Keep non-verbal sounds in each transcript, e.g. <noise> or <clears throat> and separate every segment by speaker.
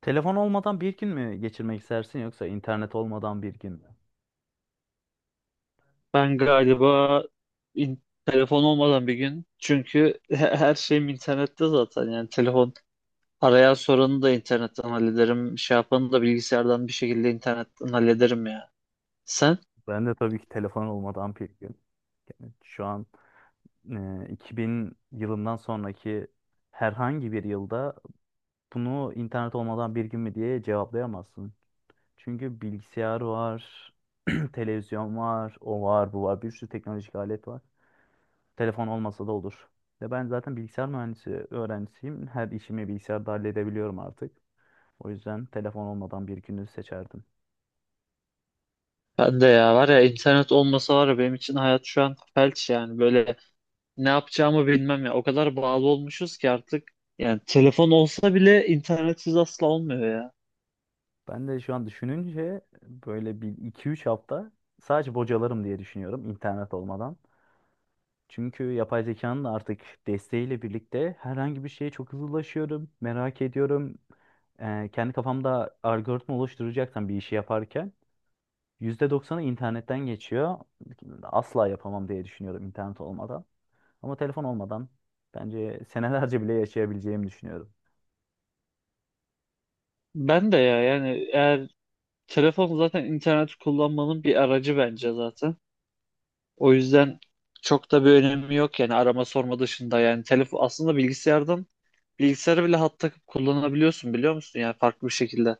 Speaker 1: Telefon olmadan bir gün mü geçirmek istersin yoksa internet olmadan bir gün mü?
Speaker 2: Ben galiba telefon olmadan bir gün çünkü her şeyim internette zaten, yani telefon arayan sorunu da internetten hallederim, şey yapanı da bilgisayardan bir şekilde internetten hallederim ya. Sen?
Speaker 1: Ben de tabii ki telefon olmadan bir gün. Şu an 2000 yılından sonraki herhangi bir yılda bunu internet olmadan bir gün mü diye cevaplayamazsın. Çünkü bilgisayar var, <clears throat> televizyon var, o var, bu var. Bir sürü teknolojik alet var. Telefon olmasa da olur. Ve ben zaten bilgisayar mühendisi öğrencisiyim. Her işimi bilgisayarda halledebiliyorum artık. O yüzden telefon olmadan bir günü seçerdim.
Speaker 2: Ben de ya var ya internet olmasa var ya, benim için hayat şu an felç yani, böyle ne yapacağımı bilmem ya, o kadar bağlı olmuşuz ki artık. Yani telefon olsa bile internetsiz asla olmuyor ya.
Speaker 1: Ben de şu an düşününce böyle bir iki üç hafta sadece bocalarım diye düşünüyorum internet olmadan. Çünkü yapay zekanın da artık desteğiyle birlikte herhangi bir şeye çok hızlı ulaşıyorum, merak ediyorum. Kendi kafamda algoritma oluşturacaksam bir işi yaparken %90'ı internetten geçiyor. Asla yapamam diye düşünüyorum internet olmadan. Ama telefon olmadan bence senelerce bile yaşayabileceğimi düşünüyorum.
Speaker 2: Ben de ya yani, eğer telefon zaten internet kullanmanın bir aracı bence zaten. O yüzden çok da bir önemi yok yani, arama sorma dışında. Yani telefon aslında bilgisayardan bilgisayara bile hat takıp kullanabiliyorsun, biliyor musun? Yani farklı bir şekilde.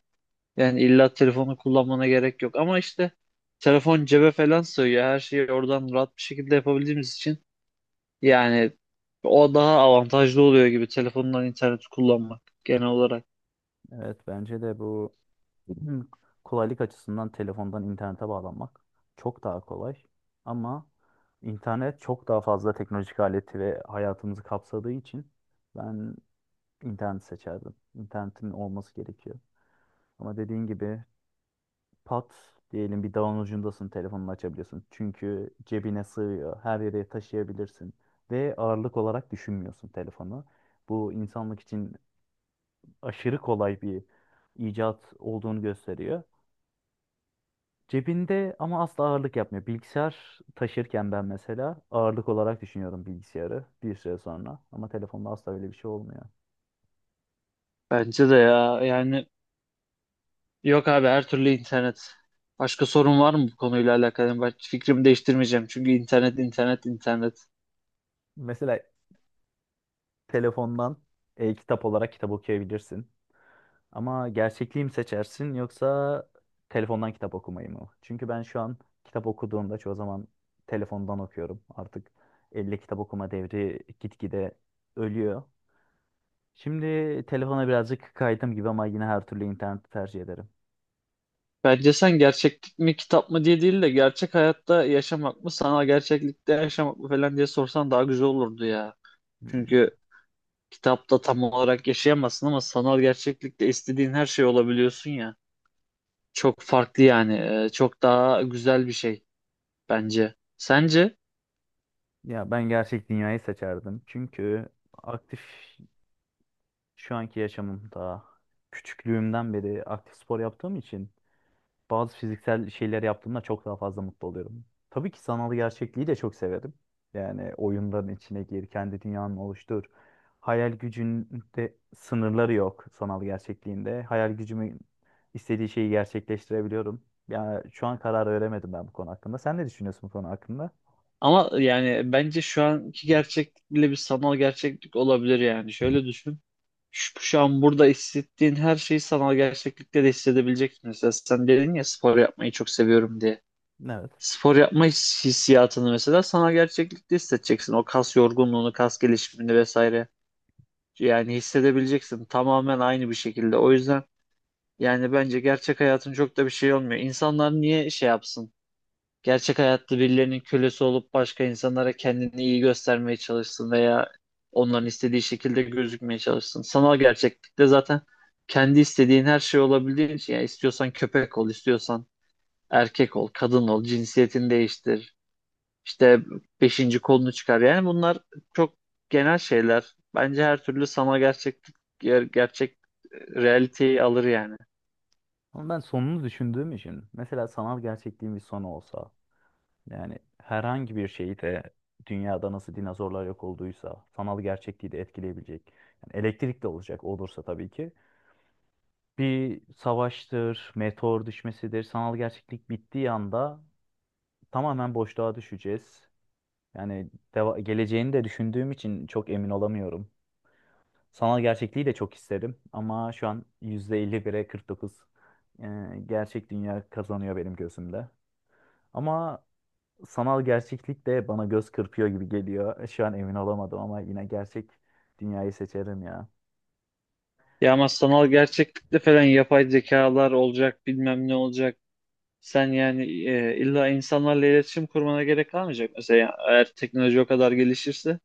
Speaker 2: Yani illa telefonu kullanmana gerek yok ama işte telefon cebe falan sığıyor. Her şeyi oradan rahat bir şekilde yapabildiğimiz için yani o daha avantajlı oluyor gibi, telefondan internet kullanmak genel olarak.
Speaker 1: Evet, bence de Hı, kolaylık açısından telefondan internete bağlanmak çok daha kolay. Ama internet çok daha fazla teknolojik aleti ve hayatımızı kapsadığı için ben internet seçerdim. İnternetin olması gerekiyor. Ama dediğin gibi pat diyelim bir dağın ucundasın telefonunu açabiliyorsun. Çünkü cebine sığıyor, her yere taşıyabilirsin ve ağırlık olarak düşünmüyorsun telefonu. Bu insanlık için aşırı kolay bir icat olduğunu gösteriyor. Cebinde ama asla ağırlık yapmıyor. Bilgisayar taşırken ben mesela ağırlık olarak düşünüyorum bilgisayarı bir süre sonra. Ama telefonda asla öyle bir şey olmuyor.
Speaker 2: Bence de ya yani, yok abi, her türlü internet. Başka sorun var mı bu konuyla alakalı? Ben fikrimi değiştirmeyeceğim çünkü internet internet internet.
Speaker 1: Mesela telefondan e-kitap olarak kitap okuyabilirsin. Ama gerçekliği mi seçersin yoksa telefondan kitap okumayı mı? Çünkü ben şu an kitap okuduğumda çoğu zaman telefondan okuyorum. Artık elle kitap okuma devri gitgide ölüyor. Şimdi telefona birazcık kaydım gibi ama yine her türlü interneti tercih ederim.
Speaker 2: Bence sen gerçeklik mi kitap mı diye değil de, gerçek hayatta yaşamak mı sana gerçeklikte yaşamak mı falan diye sorsan daha güzel olurdu ya.
Speaker 1: Hmm.
Speaker 2: Çünkü kitapta tam olarak yaşayamazsın ama sanal gerçeklikte istediğin her şey olabiliyorsun ya. Çok farklı yani. Çok daha güzel bir şey bence. Sence?
Speaker 1: Ya, ben gerçek dünyayı seçerdim. Çünkü aktif şu anki yaşamım daha küçüklüğümden beri aktif spor yaptığım için bazı fiziksel şeyler yaptığımda çok daha fazla mutlu oluyorum. Tabii ki sanal gerçekliği de çok severim. Yani oyunların içine gir, kendi dünyanı oluştur. Hayal gücünde sınırları yok sanal gerçekliğinde. Hayal gücümün istediği şeyi gerçekleştirebiliyorum. Ya şu an karar veremedim ben bu konu hakkında. Sen ne düşünüyorsun bu konu hakkında?
Speaker 2: Ama yani bence şu anki gerçeklik bile bir sanal gerçeklik olabilir yani. Şöyle düşün. Şu an burada hissettiğin her şeyi sanal gerçeklikte de hissedebileceksin. Mesela sen dedin ya spor yapmayı çok seviyorum diye.
Speaker 1: Evet.
Speaker 2: Spor yapma hissiyatını mesela sana gerçeklikte hissedeceksin. O kas yorgunluğunu, kas gelişimini vesaire, yani hissedebileceksin tamamen aynı bir şekilde. O yüzden yani bence gerçek hayatın çok da bir şey olmuyor. İnsanlar niye şey yapsın? Gerçek hayatta birilerinin kölesi olup başka insanlara kendini iyi göstermeye çalışsın veya onların istediği şekilde gözükmeye çalışsın. Sanal gerçeklikte zaten kendi istediğin her şey olabildiğin için yani, istiyorsan köpek ol, istiyorsan erkek ol, kadın ol, cinsiyetini değiştir, işte beşinci kolunu çıkar. Yani bunlar çok genel şeyler. Bence her türlü sanal gerçeklik gerçek realiteyi alır yani.
Speaker 1: Ama ben sonunu düşündüğüm için mesela sanal gerçekliğin bir sonu olsa yani herhangi bir şeyi de dünyada nasıl dinozorlar yok olduysa sanal gerçekliği de etkileyebilecek. Yani elektrik de olacak olursa tabii ki. Bir savaştır, meteor düşmesidir. Sanal gerçeklik bittiği anda tamamen boşluğa düşeceğiz. Yani geleceğini de düşündüğüm için çok emin olamıyorum. Sanal gerçekliği de çok isterim ama şu an %51'e 49 e, gerçek dünya kazanıyor benim gözümde. Ama sanal gerçeklik de bana göz kırpıyor gibi geliyor. Şu an emin olamadım ama yine gerçek dünyayı seçerim ya.
Speaker 2: Ya ama sanal gerçeklikte falan yapay zekalar olacak, bilmem ne olacak. Sen yani illa insanlarla iletişim kurmana gerek kalmayacak. Mesela eğer teknoloji o kadar gelişirse,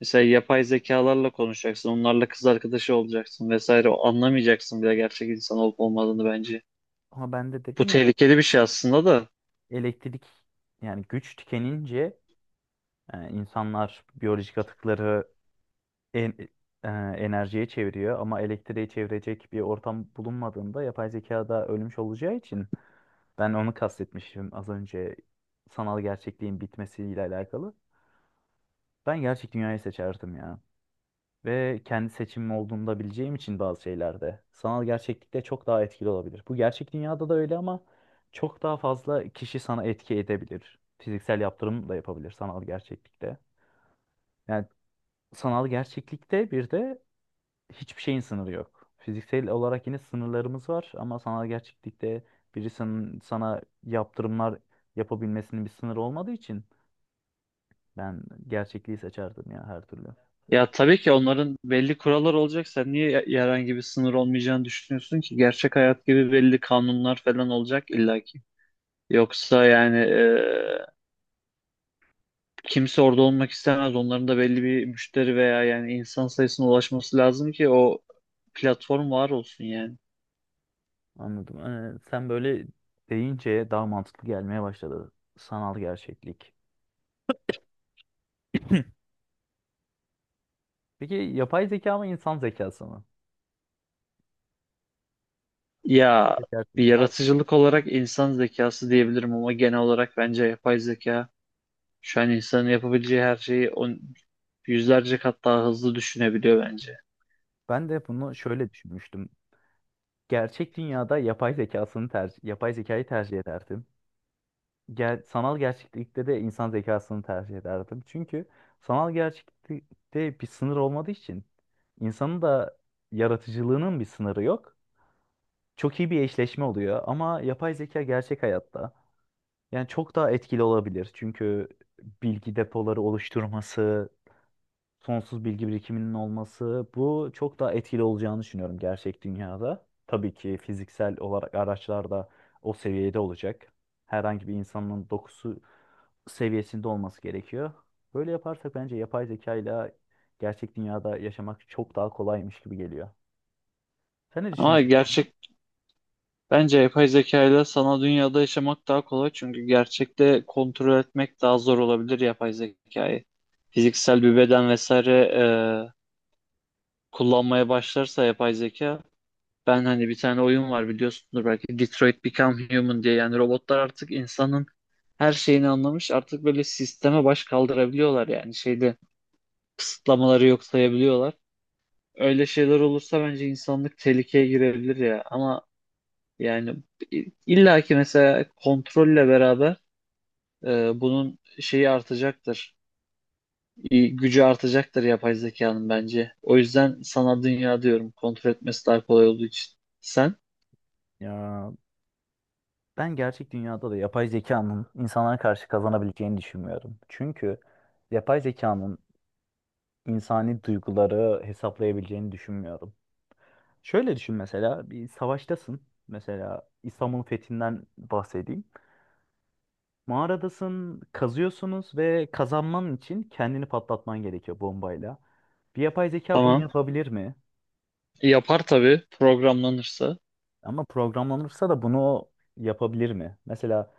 Speaker 2: mesela yapay zekalarla konuşacaksın, onlarla kız arkadaşı olacaksın vesaire. O anlamayacaksın bile gerçek insan olup olmadığını bence.
Speaker 1: Ama ben de
Speaker 2: Bu
Speaker 1: dedim ya
Speaker 2: tehlikeli bir şey aslında da.
Speaker 1: elektrik yani güç tükenince insanlar biyolojik atıkları en, e, enerjiye çeviriyor ama elektriğe çevirecek bir ortam bulunmadığında yapay zeka da ölmüş olacağı için ben onu kastetmişim az önce sanal gerçekliğin bitmesiyle alakalı. Ben gerçek dünyayı seçerdim ya. Ve kendi seçimim olduğunu da bileceğim için bazı şeylerde sanal gerçeklikte çok daha etkili olabilir. Bu gerçek dünyada da öyle ama çok daha fazla kişi sana etki edebilir. Fiziksel yaptırım da yapabilir sanal gerçeklikte. Yani sanal gerçeklikte bir de hiçbir şeyin sınırı yok. Fiziksel olarak yine sınırlarımız var ama sanal gerçeklikte birisinin sana yaptırımlar yapabilmesinin bir sınırı olmadığı için ben gerçekliği seçerdim ya her türlü.
Speaker 2: Ya tabii ki onların belli kuralları olacak. Sen niye herhangi bir sınır olmayacağını düşünüyorsun ki? Gerçek hayat gibi belli kanunlar falan olacak illaki. Yoksa yani kimse orada olmak istemez. Onların da belli bir müşteri veya yani insan sayısına ulaşması lazım ki o platform var olsun yani.
Speaker 1: Anladım. Sen böyle deyince daha mantıklı gelmeye başladı. Sanal gerçeklik. <clears throat> Peki yapay zeka mı insan zekası mı?
Speaker 2: Ya
Speaker 1: Ne
Speaker 2: bir
Speaker 1: Hay-
Speaker 2: yaratıcılık olarak insan zekası diyebilirim ama genel olarak bence yapay zeka şu an insanın yapabileceği her şeyi on, yüzlerce kat daha hızlı düşünebiliyor bence.
Speaker 1: Ben de bunu şöyle düşünmüştüm. Gerçek dünyada yapay zekasını tercih, yapay zekayı tercih ederdim. Sanal gerçeklikte de insan zekasını tercih ederdim. Çünkü sanal gerçeklikte bir sınır olmadığı için insanın da yaratıcılığının bir sınırı yok. Çok iyi bir eşleşme oluyor ama yapay zeka gerçek hayatta. Yani çok daha etkili olabilir. Çünkü bilgi depoları oluşturması, sonsuz bilgi birikiminin olması bu çok daha etkili olacağını düşünüyorum gerçek dünyada. Tabii ki fiziksel olarak araçlar da o seviyede olacak. Herhangi bir insanın dokusu seviyesinde olması gerekiyor. Böyle yaparsak bence yapay zeka ile gerçek dünyada yaşamak çok daha kolaymış gibi geliyor. Sen ne
Speaker 2: Ama
Speaker 1: düşünüyorsun bu konuda?
Speaker 2: gerçek, bence yapay zeka ile sanal dünyada yaşamak daha kolay çünkü gerçekte kontrol etmek daha zor olabilir yapay zekayı. Fiziksel bir beden vesaire e, kullanmaya başlarsa yapay zeka, ben hani bir tane oyun var biliyorsundur belki, Detroit Become Human diye, yani robotlar artık insanın her şeyini anlamış, artık böyle sisteme baş kaldırabiliyorlar, yani şeyde kısıtlamaları yok sayabiliyorlar. Öyle şeyler olursa bence insanlık tehlikeye girebilir ya, ama yani illa ki mesela kontrolle beraber bunun şeyi artacaktır. Gücü artacaktır yapay zekanın bence. O yüzden sanal dünya diyorum. Kontrol etmesi daha kolay olduğu için. Sen?
Speaker 1: Ya, ben gerçek dünyada da yapay zekanın insanlara karşı kazanabileceğini düşünmüyorum. Çünkü yapay zekanın insani duyguları hesaplayabileceğini düşünmüyorum. Şöyle düşün mesela bir savaştasın. Mesela İstanbul'un fethinden bahsedeyim. Mağaradasın, kazıyorsunuz ve kazanman için kendini patlatman gerekiyor bombayla. Bir yapay zeka bunu
Speaker 2: Tamam.
Speaker 1: yapabilir mi?
Speaker 2: Yapar tabii programlanırsa.
Speaker 1: Ama programlanırsa da bunu yapabilir mi? Mesela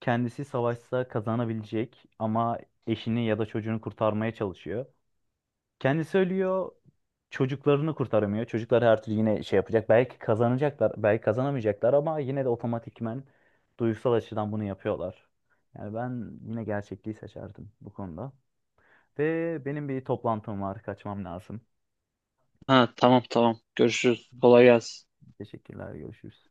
Speaker 1: kendisi savaşsa kazanabilecek ama eşini ya da çocuğunu kurtarmaya çalışıyor. Kendisi ölüyor, çocuklarını kurtaramıyor. Çocuklar her türlü yine şey yapacak. Belki kazanacaklar, belki kazanamayacaklar ama yine de otomatikmen duygusal açıdan bunu yapıyorlar. Yani ben yine gerçekliği seçerdim bu konuda. Ve benim bir toplantım var, kaçmam lazım.
Speaker 2: Ha tamam tamam. Görüşürüz. Kolay gelsin.
Speaker 1: Teşekkürler, görüşürüz.